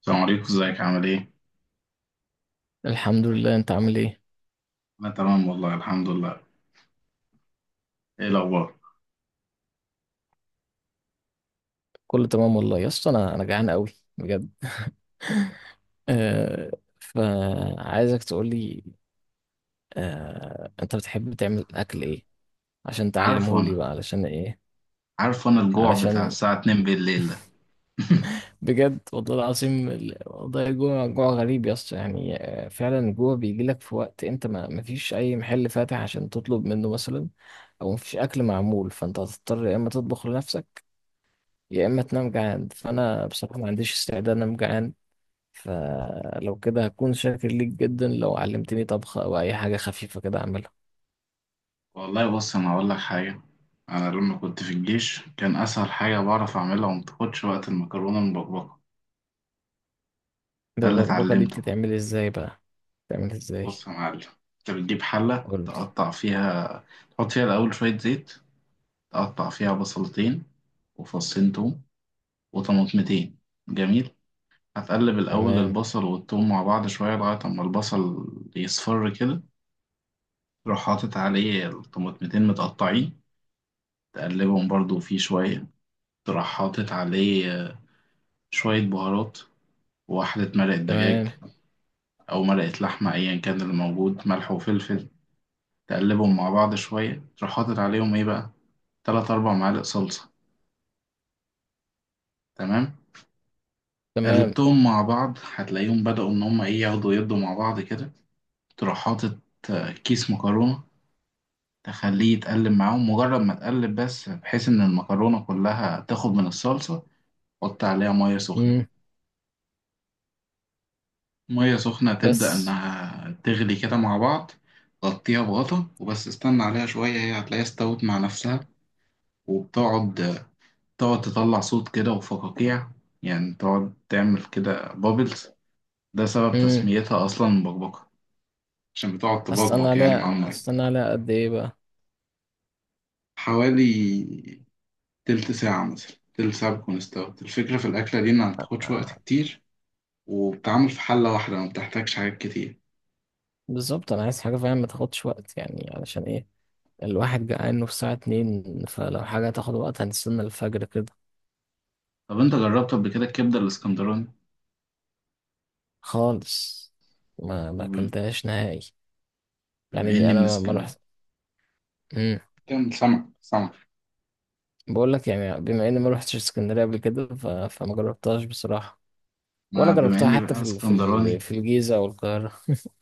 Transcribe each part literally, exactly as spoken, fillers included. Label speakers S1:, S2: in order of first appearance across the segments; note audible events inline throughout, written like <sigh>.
S1: السلام عليكم، ازيك عامل ايه؟
S2: الحمد لله. انت عامل ايه؟
S1: انا تمام والله الحمد لله. ايه الاخبار؟
S2: كله تمام والله يا اسطى، انا انا جعان قوي، بجد. آه. فعايزك تقول لي. آه انت بتحب تعمل اكل ايه عشان
S1: عارفه
S2: تعلمه لي
S1: انا
S2: بقى، علشان ايه؟
S1: عارفه انا الجوع بتاع
S2: علشان
S1: الساعة اتنين بالليل ده. <laughs>
S2: بجد والله العظيم، ال- والله جوع جوع غريب يا اسطى. يعني آه فعلا الجوع بيجي لك في وقت انت ما مفيش اي محل فاتح عشان تطلب منه مثلا، او مفيش اكل معمول، فانت هتضطر يا اما تطبخ لنفسك، يا اما تنام جعان. فانا بصراحه ما عنديش استعداد انام جعان، فلو كده هكون شاكر ليك جدا لو علمتني طبخة أو أي حاجة خفيفة كده أعملها.
S1: والله بص، انا هقول لك حاجة. انا لما كنت في الجيش كان اسهل حاجة بعرف اعملها وما بتاخدش وقت المكرونة المبكبكة. ده اللي
S2: البكبكة دي
S1: اتعلمته.
S2: بتتعمل إزاي بقى؟ بتتعمل إزاي؟
S1: بص يا معلم، انت بتجيب حلة
S2: قولي.
S1: تقطع فيها. تحط فيها الاول شوية زيت، تقطع فيها بصلتين وفصين توم وطماطمتين. جميل. هتقلب الأول
S2: تمام.
S1: البصل والثوم مع بعض شوية لغاية أما البصل يصفر كده، تروح حاطط عليه الطماطمتين متقطعين. تقلبهم برضو فيه شوية، تروح حاطط عليه شوية بهارات وواحدة مرقة دجاج
S2: تمام.
S1: أو مرقة لحمة أيا كان اللي موجود، ملح وفلفل. تقلبهم مع بعض شوية، تروح حاطط عليهم إيه بقى، تلات أربع معالق صلصة. تمام.
S2: تمام.
S1: قلبتهم مع بعض هتلاقيهم بدأوا إن هما إيه، ياخدوا يدوا مع بعض كده. تروح حاطط كيس مكرونة، تخليه يتقلب معاهم مجرد ما تقلب بس، بحيث إن المكرونة كلها تاخد من الصلصة. حط عليها مية سخنة.
S2: مم.
S1: مية سخنة تبدأ
S2: بس.
S1: إنها تغلي كده مع بعض. غطيها بغطا وبس، استنى عليها شوية هي هتلاقيها استوت مع نفسها. وبتقعد تقعد تطلع صوت كده وفقاقيع، يعني تقعد تعمل كده بابلز. ده سبب
S2: مم.
S1: تسميتها أصلا بقبقة، عشان بتقعد
S2: أستنى
S1: تبقبق يعني مع
S2: عليها
S1: المية.
S2: أستنى عليها قد إيه بقى؟
S1: حوالي تلت ساعة مثلا، تلت ساعة بتكون استوت. الفكرة في الأكلة دي إنها متاخدش وقت كتير، وبتعمل في حلة واحدة ما بتحتاجش حاجات كتير.
S2: بالظبط، أنا عايز حاجة فعلا ما تاخدش وقت، يعني علشان إيه؟ الواحد جعان في الساعة اتنين، فلو حاجة تاخد وقت هنستنى الفجر كده.
S1: طب انت جربت قبل كده الكبده الاسكندراني؟
S2: خالص. ما ما
S1: طب
S2: أكلتهاش نهائي.
S1: بما
S2: يعني
S1: اني
S2: أنا
S1: من
S2: ما ما
S1: اسكن.
S2: رحت.
S1: كان سمك سمك.
S2: بقول لك، يعني بما اني ما روحتش اسكندريه قبل كده، ف... فما جربتهاش بصراحه. ولا
S1: ما بما
S2: جربتها
S1: اني
S2: حتى
S1: بقى
S2: في ال... في ال...
S1: اسكندراني
S2: في الجيزه او القاهره <laughs>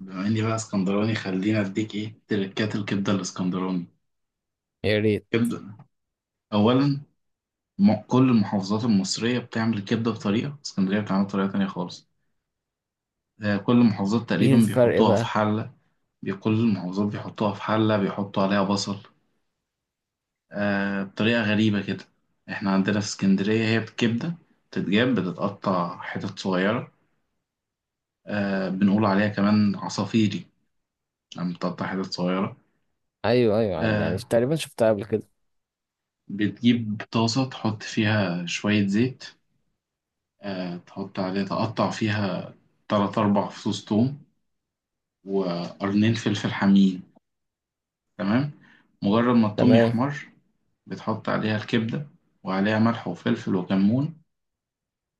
S1: بما اني بقى اسكندراني خليني اديك ايه تركات الكبده الاسكندراني.
S2: يا ريت.
S1: كبده، اولا، م- كل المحافظات المصريه بتعمل الكبده بطريقه، اسكندريه بتعمل بطريقه تانية خالص. آه، كل المحافظات
S2: ايه
S1: تقريبا
S2: الفرق
S1: بيحطوها في
S2: بقى؟
S1: حله. بي- كل المحافظات بيحطوها في حله بيحطوا عليها بصل، آه بطريقة غريبة كده. احنا عندنا في اسكندرية هي بكبدة، بتتجاب بتتقطع حتت صغيرة. آه، بنقول عليها كمان عصافيري لما بتقطع حتت صغيرة.
S2: ايوه ايوه، يعني
S1: آه،
S2: تقريبا شفتها قبل كده.
S1: بتجيب طاسة تحط فيها شوية زيت، آه تحط عليها تقطع فيها تلات أربع فصوص توم وقرنين فلفل حامين. تمام. مجرد ما التوم
S2: تمام.
S1: يحمر، بتحط عليها الكبدة وعليها ملح وفلفل وكمون.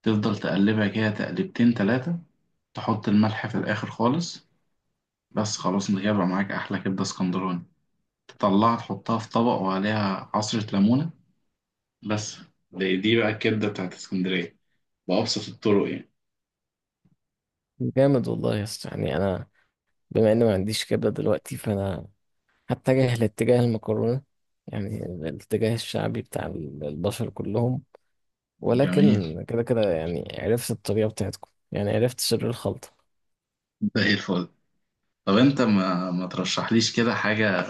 S1: تفضل تقلبها كده تقلبتين تلاتة، تحط الملح في الآخر خالص. بس، خلاص انت كده بقى معاك أحلى كبدة اسكندراني. تطلعها تحطها في طبق وعليها عصرة ليمونة. بس. دي, دي بقى الكبدة بتاعت اسكندرية، بأبسط الطرق يعني.
S2: جامد والله يا اسطى، يعني انا بما اني ما عنديش كبده دلوقتي، فانا هتجه لاتجاه المكرونه، يعني الاتجاه الشعبي بتاع ال- البشر كلهم.
S1: جميل.
S2: ولكن كده كده، يعني عرفت الطريقه بتاعتكم، يعني عرفت سر الخلطه.
S1: زي الفل. طب انت ما, ما ترشحليش كده حاجة،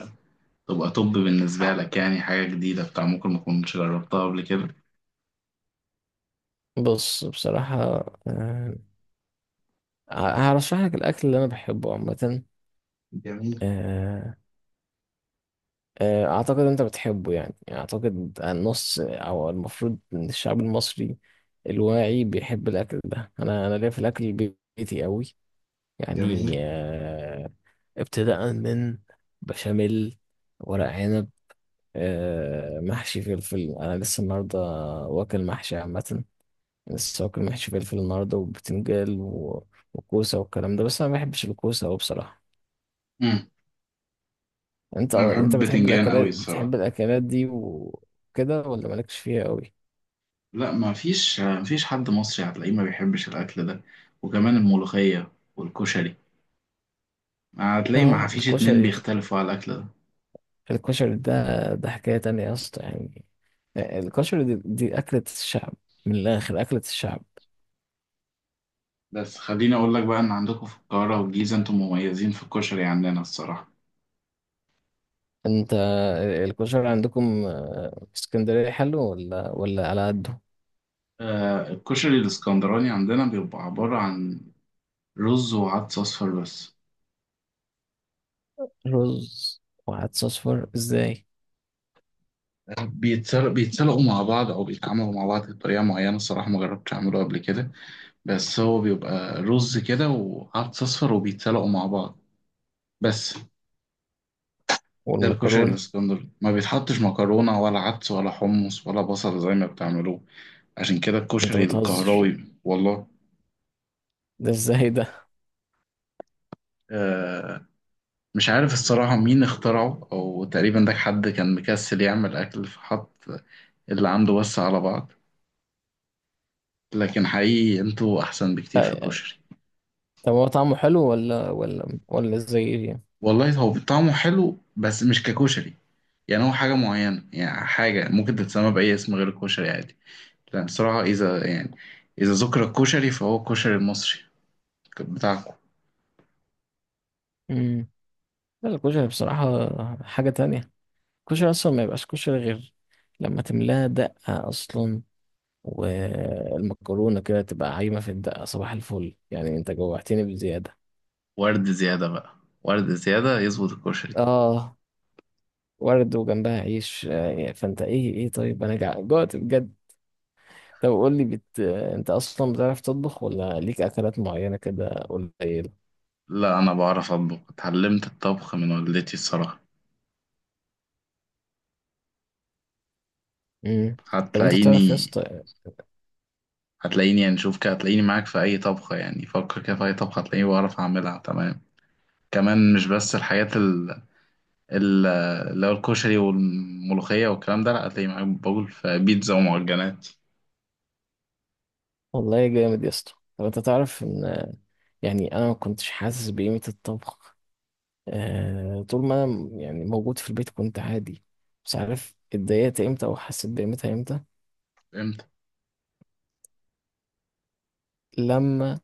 S1: تبقى طب بالنسبة لك يعني حاجة جديدة بتاع ممكن ما كنتش جربتها قبل كده؟
S2: بص بصراحه، آه، هرشح لك الاكل اللي انا بحبه عامه.
S1: جميل.
S2: آه، آه، اعتقد انت بتحبه، يعني يعني اعتقد النص او المفروض ان الشعب المصري الواعي بيحب الاكل ده. انا انا ليا في الاكل البيتي قوي. يعني
S1: جميل.
S2: آه، ابتداء من بشاميل، ورق عنب، آه، محشي فلفل. انا لسه النهارده واكل محشي عامه، لسه واكل محشي فلفل النهارده، وبتنجال و- وكوسه والكلام ده. بس انا ما بحبش الكوسه قوي بصراحه.
S1: امم
S2: انت
S1: انا بحب
S2: انت بتحب
S1: البتنجان قوي
S2: الاكلات بتحب
S1: الصراحه.
S2: الاكلات دي وكده، ولا مالكش فيها قوي؟
S1: لا، ما فيش ما فيش حد مصري هتلاقيه ما بيحبش الاكل ده، وكمان الملوخيه والكشري. هتلاقي
S2: اه
S1: ما فيش اتنين
S2: الكشري.
S1: بيختلفوا على الأكل ده.
S2: الكشري ده، ده حكاية تانية يا اسطى، يعني الكشري دي, دي اكلة الشعب، من الاخر اكلة الشعب.
S1: بس خليني أقول لك بقى إن عندكم في القاهرة والجيزة أنتم مميزين في الكشري، عندنا الصراحة
S2: انت الكشري عندكم آه، في اسكندرية حلو ولا ولا على قده؟
S1: آه، الكشري الإسكندراني عندنا بيبقى عبارة عن رز وعدس أصفر بس.
S2: رز وعدس اصفر ازاي؟
S1: بيتسل- بيتسلقوا مع بعض أو بيتعاملوا مع بعض بطريقة معينة. الصراحة ما جربتش أعمله قبل كده، بس هو بيبقى رز كده وعدس أصفر وبيتسلقوا مع بعض بس. ده الكشري
S2: والمكرونة؟
S1: الاسكندري، ما بيتحطش مكرونة ولا عدس ولا حمص ولا بصل زي ما بتعملوه. عشان كده
S2: انت
S1: الكشري
S2: بتهزر،
S1: القهراوي والله،
S2: ده ازاي ده؟
S1: آه، مش عارف الصراحة مين اخترعه، أو تقريبا ده حد كان مكسل يعمل أكل فحط اللي عنده بس على بعض. لكن حقيقي انتوا أحسن بكتير
S2: لا
S1: في
S2: يعني،
S1: الكشري.
S2: طب هو طعمه حلو ولا ولا ولا ازاي يعني؟
S1: والله هو طعمه حلو بس مش ككشري، يعني هو حاجة معينة، يعني حاجة ممكن تتسمى بأي اسم غير الكشري عادي، لأن الصراحة إذا يعني إذا ذكر الكشري فهو الكشري المصري كان بتاعكم.
S2: مم. لا الكشري بصراحة حاجة تانية. الكشري أصلا ما يبقاش كشري غير لما تملاها دقة أصلا، والمكرونة كده تبقى عايمة في الدقة. صباح الفل، يعني أنت جوعتني بزيادة.
S1: ورد زيادة بقى، ورد زيادة يظبط الكشري.
S2: آه ورد وجنبها عيش. آه، فأنت إيه إيه، طيب أنا جع- جوعت بجد. طب قول لي، بت... أنت أصلا بتعرف تطبخ، ولا ليك أكلات معينة كده قليلة؟
S1: لا، أنا بعرف أطبخ، اتعلمت الطبخ من والدتي الصراحة.
S2: مم. طب أنت تعرف يا
S1: هتلاقيني،
S2: اسطى.
S1: هتلاقيني يعني شوف كده، هتلاقيني معاك في أي طبخة، يعني فكر كده في أي طبخة هتلاقيني بعرف أعملها تمام. كمان مش بس الحاجات ال ال- اللي هو الكشري والملوخية والكلام ده، لا هتلاقيني معاك بقول في بيتزا ومعجنات.
S2: والله جامد يا اسطى، طب أنت تعرف إن يعني أنا ما كنتش حاسس بقيمة الطبخ. آه، طول ما انا يعني موجود في البيت كنت عادي، مش عارف اتضايقت امتى او حسيت بقيمتها امتى.
S1: فهمت؟
S2: لما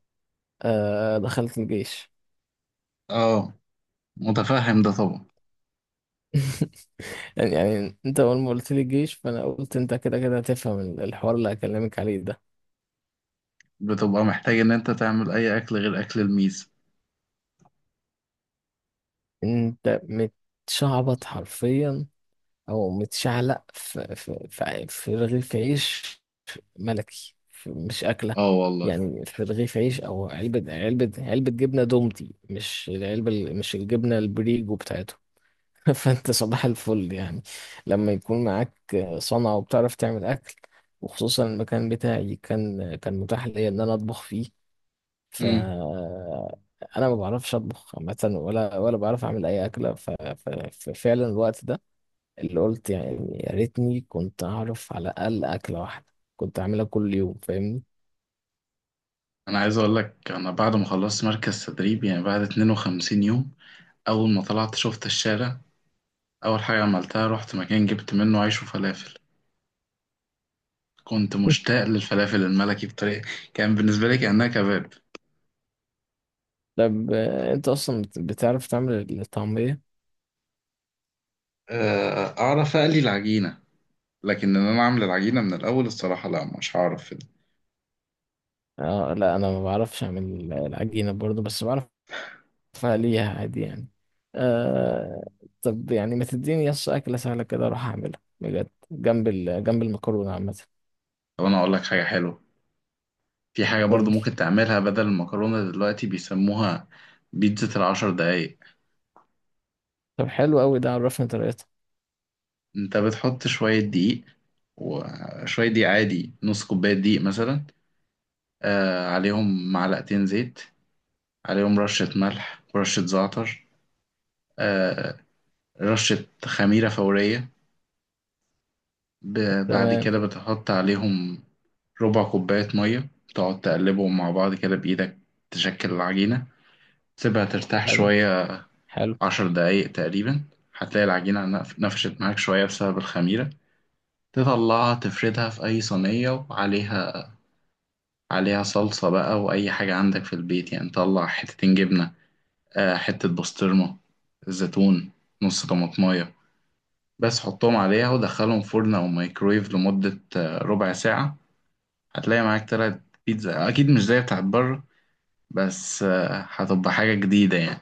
S2: آه، دخلت الجيش
S1: اه، متفهم ده طبعا.
S2: <laughs> يعني يعني انت اول ما قلت لي الجيش، فانا قلت انت كده كده هتفهم ال- الحوار اللي هكلمك عليه ده.
S1: بتبقى محتاج إن أنت تعمل أي أكل غير أكل الميز.
S2: انت متشعبط حرفيا، او متشعلق في في في, في رغيف عيش ملكي، في- مش اكله.
S1: اه والله.
S2: يعني في رغيف عيش، او علبه علبه علبه جبنه دومتي، مش العلبه ال- مش الجبنه البريجو بتاعتهم <laughs> فانت صباح الفل، يعني لما يكون معاك صنعة وبتعرف تعمل اكل، وخصوصا المكان بتاعي كان كان متاح ليا ان انا اطبخ فيه. ف انا ما بعرفش اطبخ عامة، ولا ولا بعرف اعمل اي اكلة. ف... ف... ففعلا الوقت ده اللي قلت، يعني يا ريتني كنت اعرف على الاقل اكلة واحدة كنت اعملها كل يوم، فاهمني؟
S1: انا عايز اقول لك، انا بعد ما خلصت مركز تدريب يعني بعد اتنين وخمسين يوم، اول ما طلعت شفت الشارع، اول حاجه عملتها رحت مكان جبت منه عيش وفلافل. كنت مشتاق للفلافل الملكي بطريقه، كان بالنسبه لي كانها كباب.
S2: طب آه، انت اصلا بت- بتعرف تعمل الطعمية؟
S1: آه، اعرف اقلي العجينه، لكن ان انا اعمل العجينه من الاول الصراحه لا، مش هعرف في ده.
S2: آه لا انا ما بعرفش اعمل العجينة برضو، بس بعرف فليها عادي يعني. آه. طب يعني ما تديني يس أكلة سهلة كده أروح أعملها بجد، جنب ال... جنب المكرونة عامة.
S1: طب انا اقول لك حاجه حلوه. في حاجه
S2: قول
S1: برضو
S2: لي.
S1: ممكن تعملها بدل المكرونه دلوقتي، بيسموها بيتزا العشر دقايق.
S2: طب حلو أوي، ده عرفني طريقتها.
S1: انت بتحط شوية دقيق، وشوية دقيق عادي، نص كوباية دقيق مثلا، آه عليهم معلقتين زيت، عليهم رشة ملح ورشة زعتر، آه، رشة خميرة فورية. ب- بعد
S2: تمام.
S1: كده بتحط عليهم ربع كوباية مية، تقعد تقلبهم مع بعض كده بإيدك، تشكل العجينة، تسيبها ترتاح
S2: حلو.
S1: شوية،
S2: حلو.
S1: عشر دقايق تقريبا. هتلاقي العجينة نف- نفشت معاك شوية بسبب الخميرة. تطلعها تفردها في أي صينية، وعليها عليها صلصة بقى وأي حاجة عندك في البيت، يعني طلع حتتين جبنة، آه، حتة بسطرمة، زيتون، نص طماطماية بس، حطهم عليها ودخلهم فرن أو مايكرويف لمدة آه، ربع ساعة. هتلاقي معاك طلعت بيتزا، أكيد مش زي بتاعت بره بس آه، هتبقى حاجة جديدة يعني،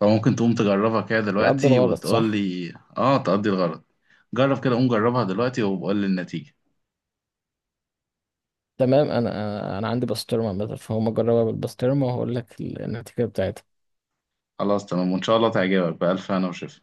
S1: فممكن تقوم تجربها كده
S2: يقضي
S1: دلوقتي
S2: الغرض
S1: وتقول
S2: صح.
S1: لي، آه تقضي الغرض. جرب كده، قوم جربها دلوقتي وبقول لي النتيجة.
S2: تمام. أنا أنا عندي بسطرمة مثلا، فهم جربها بالبسطرمة وهقول لك النتيجة بتاعتها.
S1: خلاص تمام، وإن شاء الله تعجبك، بألف هنا وشفا.